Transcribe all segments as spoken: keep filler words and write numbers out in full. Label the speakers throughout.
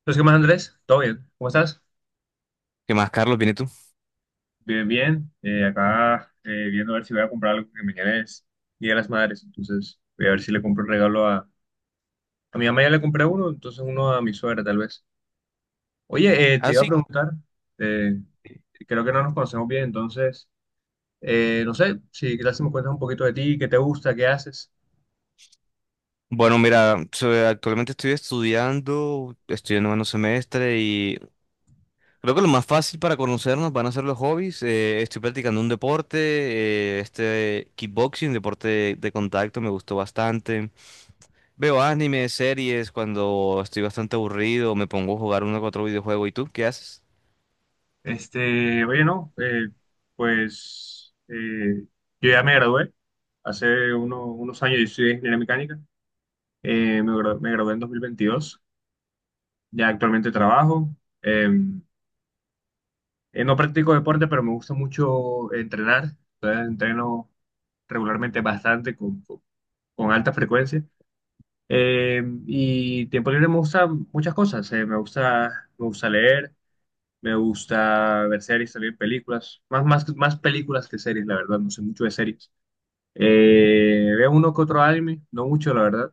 Speaker 1: Entonces, ¿qué más, Andrés? ¿Todo bien? ¿Cómo estás?
Speaker 2: ¿Qué más, Carlos? ¿Viene tú?
Speaker 1: Bien, bien. Eh, acá eh, viendo a ver si voy a comprar algo que mañana es Día de las Madres. Entonces voy a ver si le compro un regalo a... A mi mamá ya le compré uno, entonces uno a mi suegra tal vez. Oye, eh, te
Speaker 2: Ah,
Speaker 1: iba a
Speaker 2: sí.
Speaker 1: preguntar, eh, creo que no nos conocemos bien, entonces, eh, no sé, si quizás si me cuentas un poquito de ti, qué te gusta, qué haces.
Speaker 2: Bueno, mira, so- actualmente estoy estudiando, estoy en noveno semestre y creo que lo más fácil para conocernos van a ser los hobbies. Eh, estoy practicando un deporte, eh, este kickboxing, deporte de, de contacto, me gustó bastante. Veo anime, series, cuando estoy bastante aburrido, me pongo a jugar uno o otro videojuego. ¿Y tú qué haces?
Speaker 1: Este, oye, no, eh, pues eh, yo ya me gradué hace uno- unos años, yo estudié ingeniería mecánica. Eh, me, gra- me gradué en dos mil veintidós, ya actualmente trabajo. Eh, eh, no practico deporte, pero me gusta mucho entrenar. Entonces entreno regularmente bastante con, con- con alta frecuencia. Eh, y tiempo libre me gusta muchas cosas. Eh, me gusta, me gusta leer, me gusta ver series, también películas. Más, más, más películas que series, la verdad. No sé mucho de series. Eh, veo uno que otro anime, no mucho, la verdad.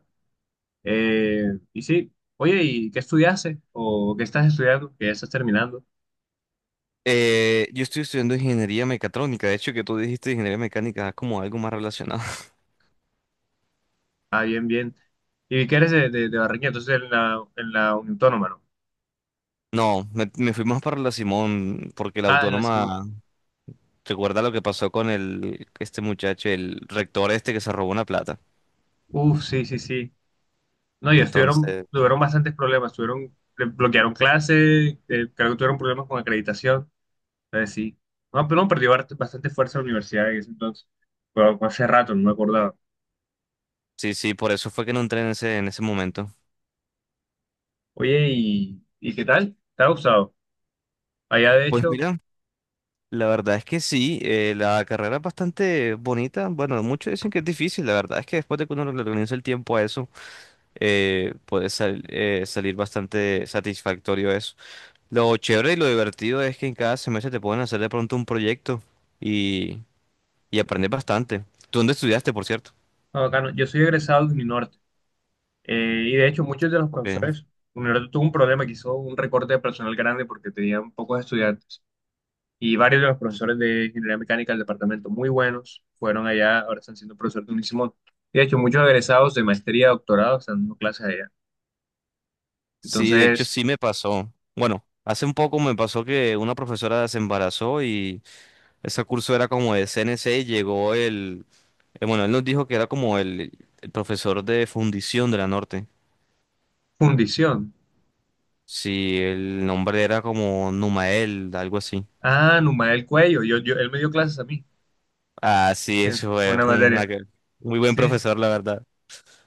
Speaker 1: Eh, y sí, Oye, ¿y qué estudiaste? ¿O qué estás estudiando? ¿Qué estás terminando?
Speaker 2: Eh, yo estoy estudiando ingeniería mecatrónica, de hecho que tú dijiste ingeniería mecánica, es como algo más relacionado.
Speaker 1: Ah, bien, bien. ¿Y vi que eres de, de, de Barranquilla? Entonces, en la, en la Unión Autónoma, ¿no?
Speaker 2: No, me, me fui más para la Simón, porque la
Speaker 1: Ah, en la Simón.
Speaker 2: autónoma recuerda lo que pasó con el, este muchacho, el rector este que se robó una plata.
Speaker 1: Uf, sí, sí, sí. No, y estuvieron,
Speaker 2: Entonces,
Speaker 1: tuvieron bastantes problemas. Tuvieron, le bloquearon clases, eh, creo que tuvieron problemas con acreditación. Entonces, sí. No, pero no, perdió bast- bastante fuerza la universidad en ese entonces. Pero hace rato, no me acordaba.
Speaker 2: sí, sí, por eso fue que no entré en ese, en ese momento.
Speaker 1: Oye, ¿y, y qué tal? ¿Te ha gustado? Allá, de
Speaker 2: Pues
Speaker 1: hecho,
Speaker 2: mira, la verdad es que sí, eh, la carrera es bastante bonita. Bueno, muchos dicen que es difícil, la verdad es que después de que uno le organiza el tiempo a eso, eh, puede sal- eh, salir bastante satisfactorio eso. Lo chévere y lo divertido es que en cada semestre te pueden hacer de pronto un proyecto. Y aprendes bastante. ¿Tú dónde estudiaste, por cierto?
Speaker 1: está bacano. Yo soy egresado de Uninorte. Eh, y de hecho, muchos de los
Speaker 2: Porque
Speaker 1: profesores, universidad tuvo un problema que hizo un recorte de personal grande porque tenían pocos estudiantes. Y varios de los profesores de ingeniería mecánica del departamento muy buenos fueron allá, ahora están siendo profesores de Unisimón. Y de hecho, muchos egresados de maestría, doctorado están dando clases allá.
Speaker 2: sí, de hecho
Speaker 1: Entonces,
Speaker 2: sí me pasó. Bueno, hace un poco me pasó que una profesora se embarazó y ese curso era como de C N C y llegó el, eh, bueno, él nos dijo que era como el, el profesor de fundición de la Norte.
Speaker 1: fundición.
Speaker 2: Sí, el nombre era como Numael, algo así.
Speaker 1: Ah, Numael Cuello, yo, yo, él me dio clases a mí,
Speaker 2: Ah, sí,
Speaker 1: sí,
Speaker 2: eso es
Speaker 1: una
Speaker 2: un
Speaker 1: materia.
Speaker 2: aquel- muy buen
Speaker 1: Sí,
Speaker 2: profesor, la verdad.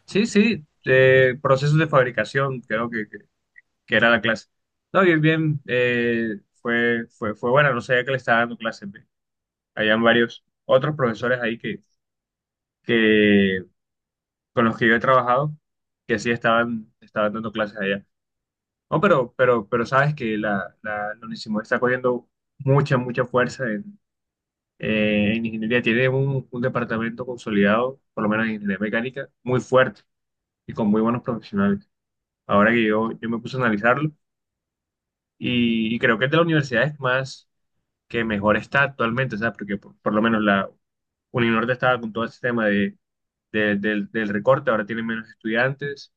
Speaker 1: sí, sí, sí, eh, procesos de fabricación, creo que, que era la clase. No, bien, bien, eh, fue, fue, fue buena, no sabía que le estaba dando clases. Ve. Habían varios otros profesores ahí que, que, con los que yo he trabajado, que sí estaban, estaban dando clases allá. No, pero, pero, pero sabes que la, la, la Onisimod está cogiendo mucha, mucha fuerza en, eh, en ingeniería. Tiene un, un departamento consolidado, por lo menos en ingeniería mecánica, muy fuerte y con muy buenos profesionales. Ahora que yo, yo me puse a analizarlo, y, y creo que es de las universidades más que mejor está actualmente, o sea, porque por, por lo menos la Uninorte estaba con todo ese tema de, de- del, del recorte, ahora tienen menos estudiantes,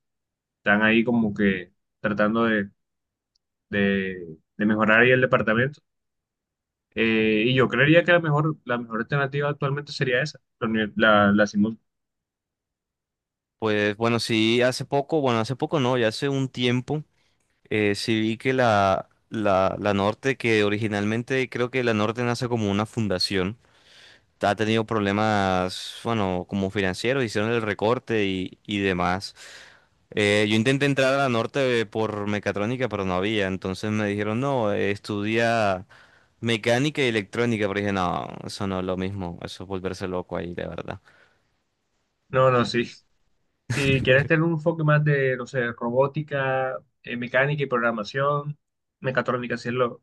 Speaker 1: están ahí como que tratando de, de, de mejorar ahí el departamento. Eh, y yo creería que la mejor, la mejor alternativa actualmente sería esa, la, uni- la, la Simón.
Speaker 2: Pues bueno, sí, hace poco, bueno, hace poco no, ya hace un tiempo. Eh, sí vi que la, la, la Norte, que originalmente creo que la Norte nace como una fundación, ha tenido problemas, bueno, como financieros, hicieron el recorte y, y demás. Eh, yo intenté entrar a la Norte por mecatrónica, pero no había, entonces me dijeron, no, eh, estudia mecánica y electrónica, pero dije, no, eso no es lo mismo, eso es volverse loco ahí, de verdad.
Speaker 1: No, no, sí. Si quieres tener un enfoque más de, no sé, robótica, eh, mecánica y programación, mecatrónica, sí es lo,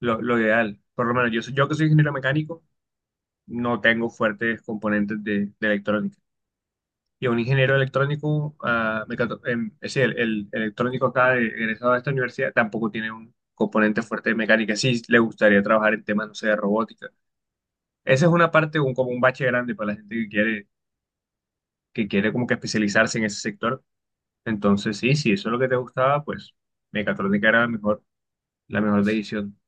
Speaker 1: lo, lo ideal. Por lo menos yo, soy- yo que soy ingeniero mecánico, no tengo fuertes componentes de, de electrónica. Y a un ingeniero electrónico, ah, mecato- em, es decir, el, el electrónico acá de- egresado de esta universidad tampoco tiene un componente fuerte de mecánica. Sí, le gustaría trabajar en temas, no sé, de robótica. Esa es una parte, un, como un bache grande para la gente que quiere, que quiere como que especializarse en ese sector. Entonces, sí, si eso es lo que te gustaba, pues mecatrónica era la mejor, la mejor decisión.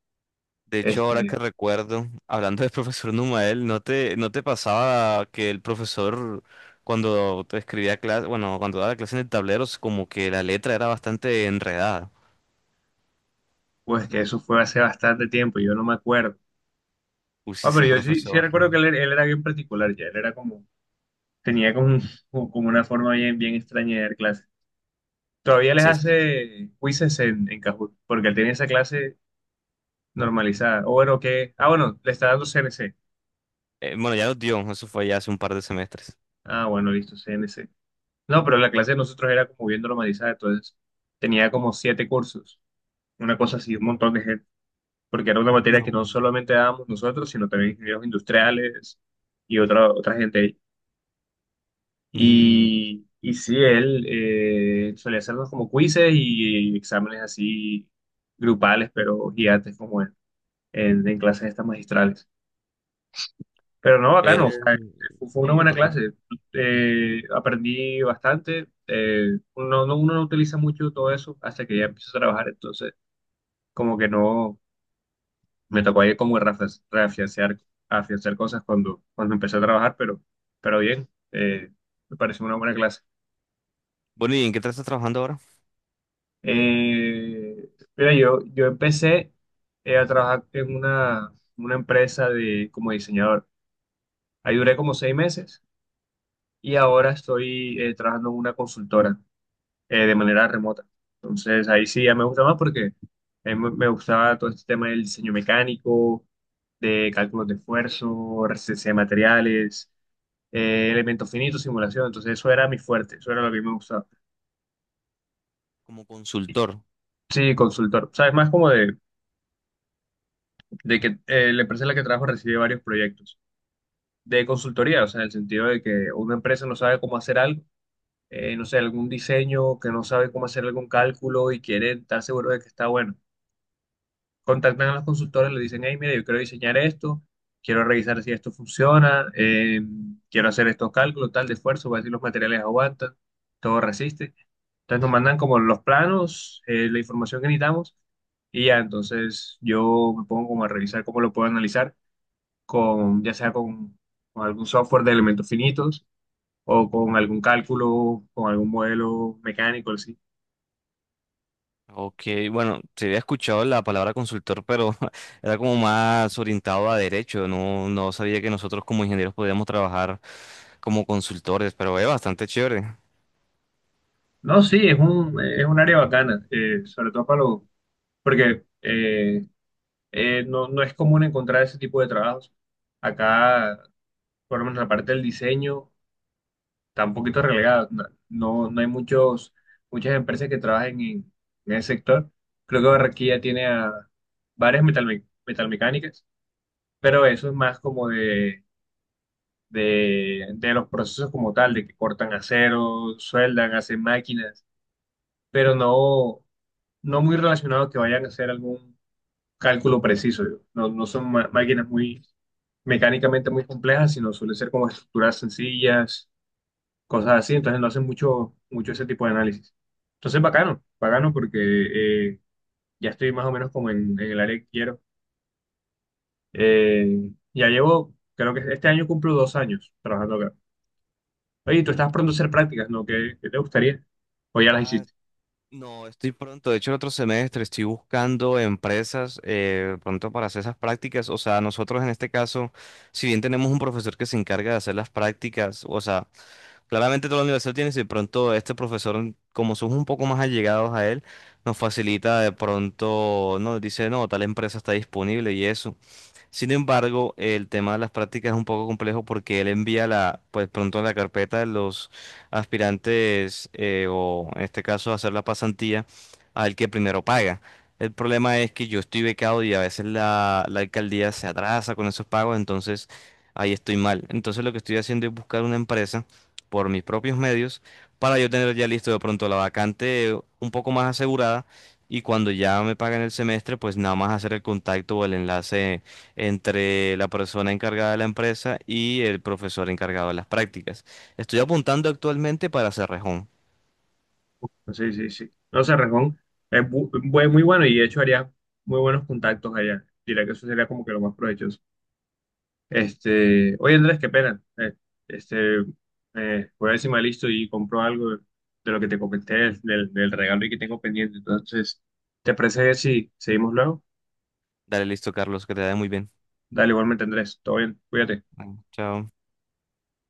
Speaker 2: De hecho, ahora que
Speaker 1: Este,
Speaker 2: recuerdo, hablando del profesor Numael, ¿no te, ¿no te pasaba que el profesor, cuando te escribía clase, bueno, cuando daba clase en el tablero, es como que la letra era bastante enredada?
Speaker 1: pues que eso fue hace bastante tiempo, yo no me acuerdo.
Speaker 2: Uy, sí,
Speaker 1: Ah, pero
Speaker 2: ese
Speaker 1: yo sí, sí
Speaker 2: profesor. ¿No?
Speaker 1: recuerdo que él, él era bien particular ya, él era como, tenía como, un- como una forma bien, bien extraña de dar clases. Todavía les
Speaker 2: Sí, sí.
Speaker 1: hace quizzes en, en Kahoot, porque él tenía esa clase normalizada. O bueno, que, ah, bueno, le está dando C N C.
Speaker 2: Eh, bueno, ya lo dio, eso fue ya hace un par de semestres.
Speaker 1: Ah, bueno, listo, C N C. No, pero la clase de nosotros era como bien normalizada, entonces tenía como siete cursos, una cosa así, un montón de gente, porque era una materia
Speaker 2: No.
Speaker 1: que no solamente dábamos nosotros, sino también ingenieros industriales y otra, otra gente.
Speaker 2: Mm,
Speaker 1: Y, y sí, él eh, solía hacernos como quizzes y exámenes así grupales, pero gigantes como él, en, en clases estas magistrales. Pero no, bacano, o sea,
Speaker 2: él-
Speaker 1: fue fue una
Speaker 2: Sí, es.
Speaker 1: buena clase. Eh, aprendí bastante. Eh, uno, no, uno no utiliza mucho todo eso hasta que ya empiezo a trabajar, entonces como que no, me tocó ahí como reafianzar, reafianzar afianzar cosas cuando, cuando empecé a trabajar, pero, pero bien, eh, me pareció una buena clase.
Speaker 2: Bueno, ¿y en qué te estás trabajando ahora?
Speaker 1: Eh, Mira, yo, yo empecé eh, a trabajar en una, una empresa de, como diseñador. Ahí duré como seis meses y ahora estoy eh, trabajando en una consultora eh, de manera remota. Entonces ahí sí ya me gusta más porque eh, me, me gustaba todo este tema del diseño mecánico, de cálculos de esfuerzo, resistencia de materiales, eh, elementos finitos, simulación. Entonces eso era mi fuerte, eso era lo que me gustaba.
Speaker 2: Como consultor.
Speaker 1: Sí, consultor. ¿Sabes? Más como de de que eh, la empresa en la que trabajo recibe varios proyectos de consultoría, o sea, en el sentido de que una empresa no sabe cómo hacer algo, eh, no sé, algún diseño, que no sabe cómo hacer algún cálculo y quiere estar seguro de que está bueno. Contactan a los consultores, le dicen, hey, mira, yo quiero diseñar esto, quiero revisar si esto funciona, eh, quiero hacer estos cálculos, tal, de esfuerzo, ver si los materiales aguantan, todo resiste. Entonces nos mandan como los planos, eh, la información que necesitamos. Y ya, entonces yo me pongo como a revisar cómo lo puedo analizar con, ya sea con, con algún software de elementos finitos o con algún cálculo, con algún modelo mecánico, así.
Speaker 2: Ok, bueno, se había escuchado la palabra consultor, pero era como más orientado a derecho. No, no sabía que nosotros como ingenieros podíamos trabajar como consultores, pero es bastante chévere.
Speaker 1: No, sí, es un, es un área bacana, eh, sobre todo para los, porque eh, eh, no, no es común encontrar ese tipo de trabajos. Acá, por lo menos la parte del diseño, está un poquito relegada. No, no, no hay muchos, muchas empresas que trabajen en, en ese sector. Creo que Barranquilla tiene a varias metalme- metalmecánicas, pero eso es más como de de, de los procesos como tal, de que cortan acero, sueldan, hacen máquinas, pero no, no muy relacionados que vayan a hacer algún cálculo preciso. No, no son ma- máquinas muy mecánicamente muy complejas, sino suelen ser como estructuras sencillas, cosas así, entonces no hacen mucho, mucho ese tipo de análisis. Entonces, bacano, bacano porque eh, ya estoy más o menos como en, en el área que quiero. Eh, ya llevo, creo que este año cumplo dos años trabajando acá. Oye, tú estás pronto a hacer prácticas, ¿no? ¿Qué, qué te gustaría? O ya las
Speaker 2: Ah,
Speaker 1: hiciste.
Speaker 2: no, estoy pronto. De hecho, el otro semestre estoy buscando empresas eh, pronto para hacer esas prácticas. O sea, nosotros en este caso, si bien tenemos un profesor que se encarga de hacer las prácticas, o sea, claramente toda la universidad tiene, si de pronto este profesor, como somos un poco más allegados a él, nos facilita de pronto, nos dice, no, tal empresa está disponible y eso. Sin embargo, el tema de las prácticas es un poco complejo porque él envía la, pues pronto la carpeta de los aspirantes eh, o en este caso hacer la pasantía al que primero paga. El problema es que yo estoy becado y a veces la, la alcaldía se atrasa con esos pagos, entonces ahí estoy mal. Entonces lo que estoy haciendo es buscar una empresa por mis propios medios para yo tener ya listo de pronto la vacante eh, un poco más asegurada y cuando ya me pagan el semestre, pues nada más hacer el contacto o el enlace entre la persona encargada de la empresa y el profesor encargado de las prácticas. Estoy apuntando actualmente para Cerrejón.
Speaker 1: Sí, sí, sí. No sé, Rejón es bu- bu- muy bueno y de hecho haría muy buenos contactos allá. Diría que eso sería como que lo más provechoso. Este, oye, Andrés, qué pena. Eh, este, eh, Voy a ver si me listo y compro algo de, de lo que te comenté, del, del regalo y que tengo pendiente. Entonces, ¿te parece si seguimos luego?
Speaker 2: Dale, listo, Carlos, que te vaya muy bien.
Speaker 1: Dale, igualmente, Andrés. Todo bien, cuídate.
Speaker 2: Bueno, Chao.